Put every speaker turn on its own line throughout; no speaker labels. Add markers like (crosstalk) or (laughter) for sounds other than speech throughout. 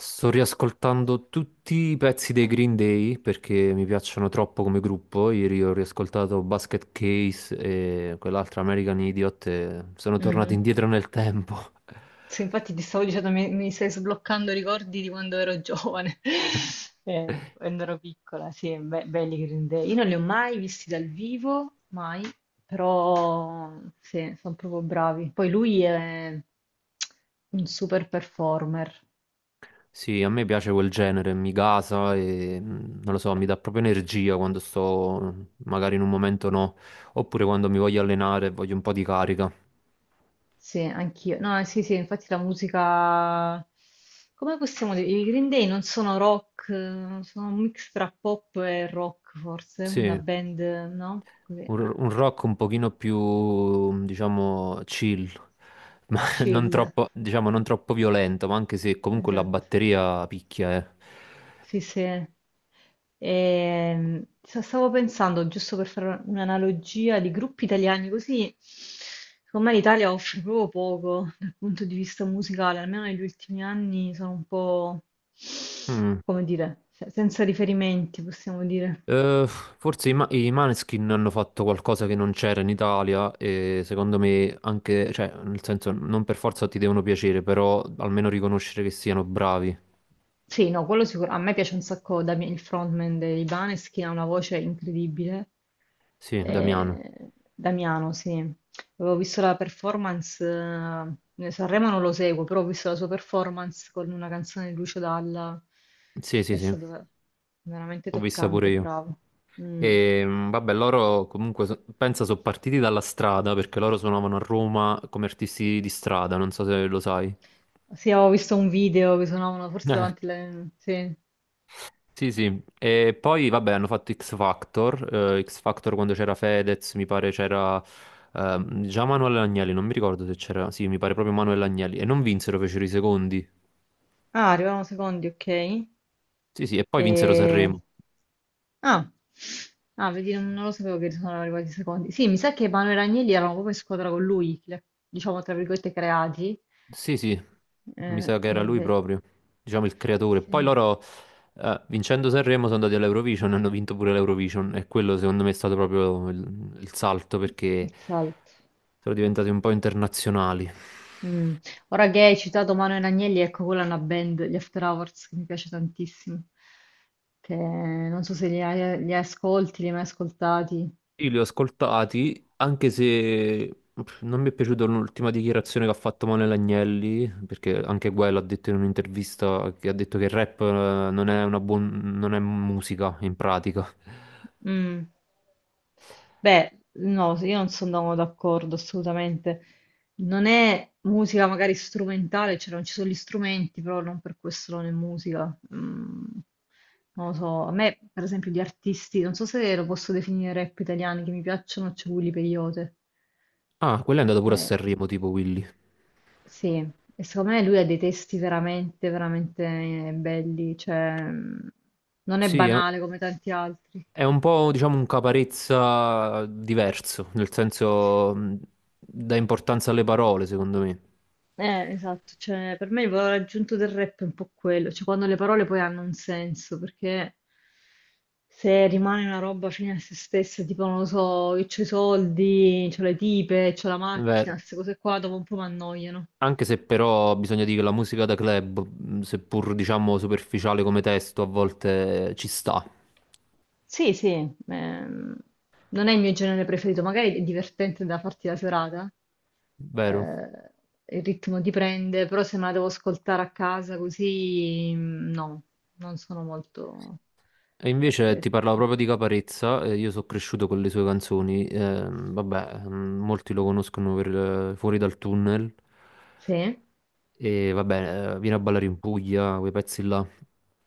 Sto riascoltando tutti i pezzi dei Green Day perché mi piacciono troppo come gruppo. Ieri ho riascoltato Basket Case e quell'altra American Idiot e sono tornato
Mhm.
indietro nel tempo. (laughs)
Sì, infatti ti stavo dicendo, mi stai sbloccando ricordi di quando ero giovane, (laughs) quando ero piccola, sì, belli Green Day. Io non li ho mai visti dal vivo, mai, però sì, sono proprio bravi. Poi lui è un super performer.
Sì, a me piace quel genere, mi gasa e non lo so, mi dà proprio energia quando sto magari in un momento no, oppure quando mi voglio allenare e voglio un po' di carica.
Sì, anch'io. No, sì, sì, infatti la musica... Come possiamo dire? I Green Day non sono rock, sono un mix tra pop e rock, forse, una
Sì.
band, no? Così,
Un rock un pochino più, diciamo, chill, ma (laughs) non
chill,
troppo, diciamo, non troppo violento, ma anche se comunque la
esatto.
batteria picchia, eh.
Sì, sì. Stavo pensando, giusto per fare un'analogia di gruppi italiani, così secondo me l'Italia offre proprio poco dal punto di vista musicale, almeno negli ultimi anni sono un po',
Mm.
come dire, senza riferimenti, possiamo dire.
Forse i Maneskin hanno fatto qualcosa che non c'era in Italia e secondo me anche, cioè, nel senso, non per forza ti devono piacere, però almeno riconoscere che siano bravi.
Sì, no, quello sicuro. A me piace un sacco Damien, il frontman dei Baneskin, ha una voce incredibile.
Sì, Damiano.
Damiano, sì. Avevo visto la performance, Sanremo non lo seguo, però ho visto la sua performance con una canzone di Lucio Dalla.
Sì, sì,
È
sì, l'ho
stato veramente
vista pure
toccante,
io.
bravo. Mm.
E vabbè, loro comunque pensa sono partiti dalla strada perché loro suonavano a Roma come artisti di strada, non so se lo sai.
Sì, avevo visto un video che suonavano forse
Eh,
davanti alle... Sì.
sì, sì. E poi vabbè, hanno fatto X Factor quando c'era Fedez, mi pare c'era già Manuel Agnelli, non mi ricordo se c'era, sì, mi pare proprio Manuel Agnelli e non vinsero, fecero i secondi.
Ah, arrivavano secondi, ok.
Sì, sì, e poi vinsero
E...
Sanremo.
Ah. Ah, vedi, non, non lo sapevo che sono arrivati i secondi. Sì, mi sa che Manuel e Agnelli erano proprio in squadra con lui, diciamo tra virgolette creati.
Sì, sì, mi sa che
E
era lui proprio, diciamo il creatore. Poi
sì,
loro, vincendo Sanremo, sono andati all'Eurovision, hanno vinto pure l'Eurovision e quello secondo me è stato proprio il salto perché
il salto.
sono diventati un po' internazionali.
Mm. Ora che hai citato Manuel Agnelli, ecco quella è una band, gli After Hours, che mi piace tantissimo. Che non so se li, li ascolti, li hai mai ascoltati.
Io li ho ascoltati, anche se non mi è piaciuta l'ultima dichiarazione che ha fatto Manuel Agnelli, perché anche quello ha detto in un'intervista che ha detto che il rap non è musica in pratica.
Mm. Beh, no, sì, io non sono d'accordo assolutamente. Non è musica magari strumentale, cioè non ci sono gli strumenti, però non per questo non è musica. Mm, non lo so, a me per esempio di artisti, non so se lo posso definire rap italiani che mi piacciono, c'è Willy Peyote.
Ah, quello è andato pure a
Eh,
Sanremo, tipo Willy.
sì, e secondo me lui ha dei testi veramente, veramente belli, cioè mm, non è
Sì, eh.
banale come tanti altri.
È un po', diciamo, un caparezza diverso, nel senso dà importanza alle parole, secondo me.
Esatto, cioè per me il valore aggiunto del rap è un po' quello, cioè quando le parole poi hanno un senso, perché se rimane una roba fine a se stessa, tipo non lo so, io c'ho i soldi, c'ho le tipe, c'ho la
Beh,
macchina, queste cose qua dopo un po' mi annoiano.
anche se però bisogna dire che la musica da club, seppur diciamo superficiale come testo, a volte ci sta,
Sì, sì, ehm, non è il mio genere preferito, magari è divertente da farti la serata,
vero?
eh, il ritmo ti prende, però se me la devo ascoltare a casa così, mm, no, non sono molto...
E
eh,
invece
eh,
ti parlavo proprio di Caparezza, io sono cresciuto con le sue canzoni, vabbè, molti lo conoscono per Fuori dal tunnel,
sì?
e vabbè, Vieni a ballare in Puglia, quei pezzi là.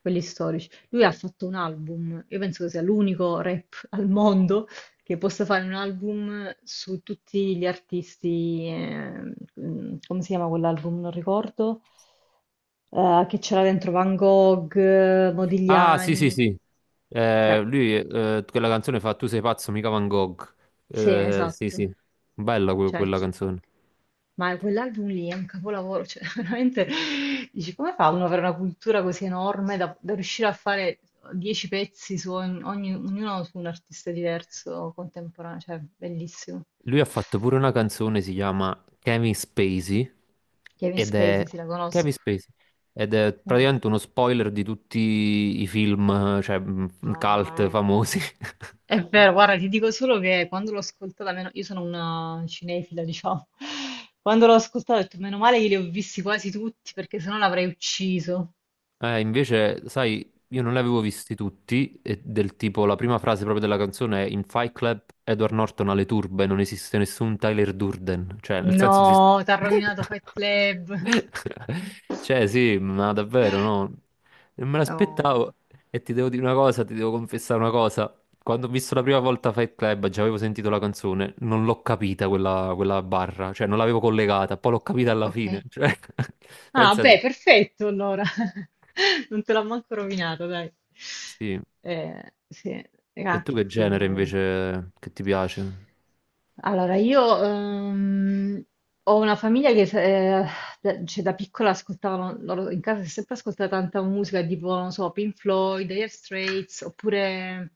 Quelli storici. Lui ha fatto un album, io penso che sia l'unico rap (laughs) al mondo che possa fare un album su tutti gli artisti, mm, come si chiama quell'album? Non ricordo, che c'era dentro Van Gogh,
Ah, sì, sì,
Modigliani,
sì.
cioè.
Lui, quella canzone fa Tu sei pazzo, mica Van Gogh.
Sì,
Sì,
esatto.
sì. Bella que-
Cioè,
quella
chi-
canzone.
ma quell'album lì è un capolavoro, cioè (laughs) veramente dici come fa uno ad avere una cultura così enorme da, da riuscire a fare 10 pezzi su ognuno su un artista diverso contemporaneo, cioè bellissimo.
Lui ha fatto pure una canzone, si chiama
Kevin
ed è...
Spacey, sì, la
Kevin
conosco.
Spacey. Ed è
Sì.
praticamente uno spoiler di tutti i film, cioè,
Mamma
cult
mia.
famosi.
È vero,
(laughs)
guarda, ti dico solo che quando l'ho ascoltata, meno... io sono una cinefila, diciamo, (laughs) quando l'ho ascoltata ho detto meno male che li ho visti quasi tutti perché sennò l'avrei ucciso.
Invece, sai, io non li avevo visti tutti, e del tipo la prima frase proprio della canzone è In Fight Club Edward Norton alle turbe, non esiste nessun Tyler Durden, cioè nel
No,
senso di.
t'ha rovinato Fight Club.
(laughs)
(laughs)
Cioè sì, ma davvero no, non me l'aspettavo
No,
e ti devo dire una cosa, ti devo confessare una cosa, quando ho visto la prima volta Fight Club, già avevo sentito la canzone, non l'ho capita quella barra, cioè non l'avevo collegata, poi l'ho capita alla
ok.
fine, cioè, (laughs)
Ah, beh,
pensate,
perfetto allora. (laughs) Non te l'ho manco rovinato, dai.
sì.
Sì,
E
ah,
tu
che
che genere
film quello.
invece che ti piace?
Allora, io ho una famiglia che eh, da, cioè, da piccola ascoltavano, loro in casa si è sempre ascoltata tanta musica, tipo, non so, Pink Floyd, Dire Straits, oppure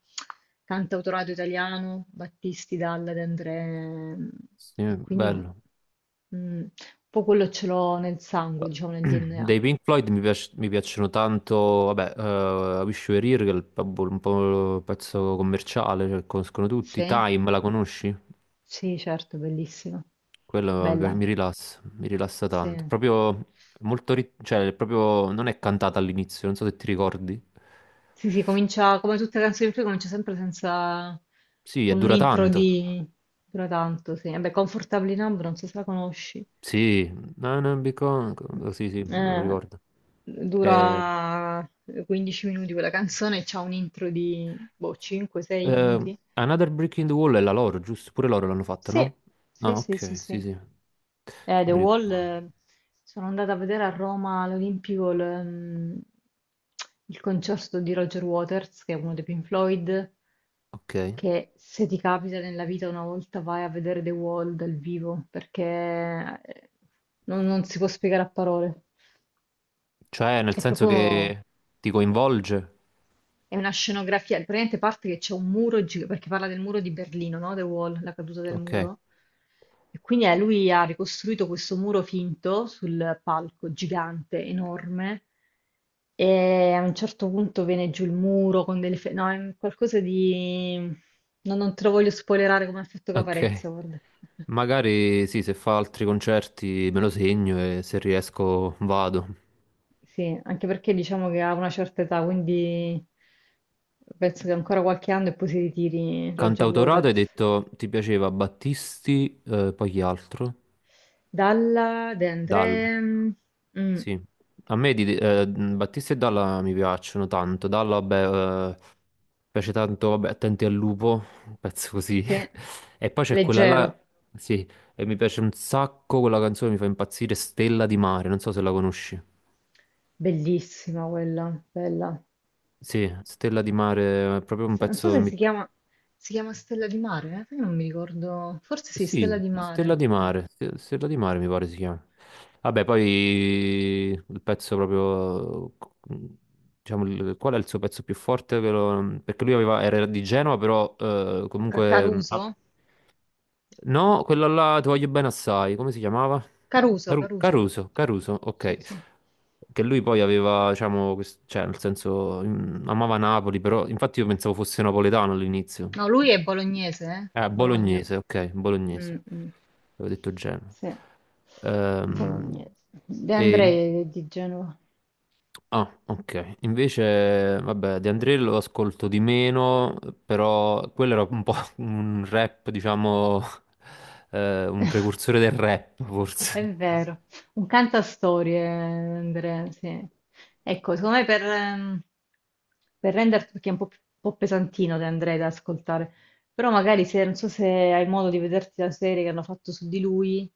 cantautorato italiano, Battisti, Dalla, De André,
Sì,
e quindi
bello.
mm, poi quello ce l'ho nel sangue, diciamo nel
(clears throat)
DNA.
Dei Pink Floyd mi piacciono tanto, vabbè, Wish You Were Here, che è vabbè, un po' il pezzo commerciale, cioè, conoscono tutti.
Sì?
Time, la conosci?
Sì, certo, bellissima.
Quello mi piace-
Bella,
mi rilassa, mi rilassa tanto.
sì.
Proprio molto, cioè, proprio non è cantata all'inizio, non so se ti ricordi.
Sì, sì, comincia come tutte le canzoni sue, comincia sempre senza
Sì, e
con un
dura
intro
tanto.
di dura tanto, sì. Vabbè, Comfortably Numb, non so se la conosci.
Sì, no, no, because, sì, sì, me lo
Eh,
ricordo. Eh,
dura 15 minuti quella canzone, e c'ha un intro di boh, 5-6
Eh,
minuti.
Another Brick in the Wall è la loro, giusto? Pure loro l'hanno fatta,
Sì,
no? Ah,
sì, sì, sì,
ok, sì,
sì.
sì. Non
The
mi
Wall,
ricordavo.
sono andata a vedere a Roma all'Olimpico il concerto di Roger Waters, che è uno dei Pink Floyd,
Ok.
che se ti capita nella vita una volta vai a vedere The Wall dal vivo, perché eh, non, non si può spiegare a parole.
Cioè, nel
È
senso
proprio.
che ti coinvolge?
È una scenografia, praticamente parte che c'è un muro, perché parla del muro di Berlino, no? The Wall, la caduta del
Ok,
muro. E quindi lui ha ricostruito questo muro finto sul palco, gigante, enorme, e a un certo punto viene giù il muro con delle... No, è un qualcosa di... no, non te lo voglio spoilerare come ha fatto
ok.
Caparezza, guarda.
Magari sì, se fa altri concerti me lo segno e se riesco vado.
Sì, anche perché diciamo che ha una certa età, quindi penso che ancora qualche anno e poi si ritiri Roger
Cantautorato hai
Waters.
detto ti piaceva Battisti, poi chi altro?
Dalla De André,
Dal.
mm,
Sì, a me di, Battista e Dalla mi piacciono tanto. Dalla, vabbè, piace tanto, vabbè, Attenti al lupo, un pezzo così.
sì,
(laughs) E poi c'è quella là,
leggero,
sì, e mi piace un sacco, quella canzone mi fa impazzire, Stella di mare, non so se la conosci.
bellissima quella, bella.
Sì, Stella di mare, è proprio un
Non so
pezzo che
se
mi
si chiama, si chiama Stella di Mare, eh? Perché non mi ricordo, forse sì, Stella
Sì,
di
Stella
Mare.
di
Mm.
Mare, Ste- Stella di Mare mi pare si chiama. Vabbè, poi il pezzo proprio, diciamo, qual è il suo pezzo più forte? Perché lui era di Genova, però comunque, ah,
Caruso?
no, quello là, Ti voglio bene assai, come si chiamava?
Caruso,
Caru-
Caruso.
Caruso, Caruso,
Sì,
ok.
sì.
Che lui poi aveva, diciamo, cioè, nel senso, amava Napoli, però infatti io pensavo fosse napoletano all'inizio.
No, lui è bolognese, eh?
Ah,
Bologna.
bolognese, ok,
Mm,
bolognese.
mm.
Avevo detto Genova.
Sì,
Ehm,
bolognese. De
e...
Andrei è di Genova.
Ah, ok. Invece, vabbè, De André lo ascolto di meno, però quello era un po' (laughs) un rap, diciamo, un
(laughs)
precursore del rap,
È
forse.
vero, un cantastorie, Andrea, sì. Ecco, secondo me per renderti, perché è un po', un po' pesantino De Andrei da ascoltare, però magari se, non so se hai modo di vederti la serie che hanno fatto su di lui,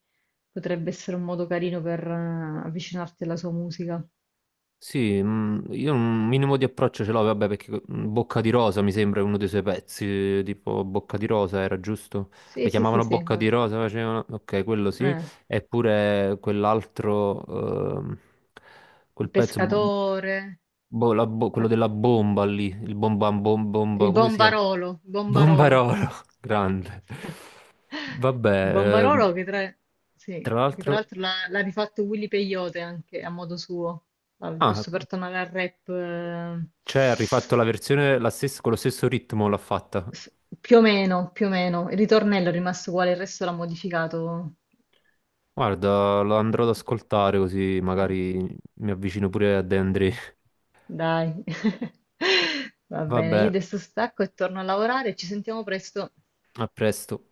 potrebbe essere un modo carino per avvicinarti alla sua musica.
Sì, io un minimo di approccio ce l'ho, vabbè, perché Bocca di Rosa mi sembra uno dei suoi pezzi, tipo Bocca di Rosa era giusto? La
Sì, sì, sì,
chiamavano
sì,
Bocca
ancora.
di Rosa, facevano. Ok, quello sì,
Eh,
eppure quell'altro, ehm,
il
quel pezzo,
pescatore.
boh, quello
la-
della bomba lì, il bomba, bomba,
Il
come si chiama?
Bombarolo, Bombarolo.
Bombarolo, (laughs) grande.
(laughs) Il
Vabbè,
Bombarolo che tra, sì,
tra
che tra
l'altro...
l'altro l'ha rifatto Willy Peyote anche a modo suo. Ah,
Ah,
giusto per tornare al rap,
cioè, ha rifatto la versione con lo stesso ritmo l'ha fatta.
s- più o meno, più o meno. Il ritornello è rimasto uguale, il resto l'ha modificato.
Guarda, lo andrò ad ascoltare così
Eh,
magari mi avvicino pure a De André. (laughs)
Dai. (laughs) Va bene, io
Vabbè,
adesso stacco e torno a lavorare, ci sentiamo presto.
a presto.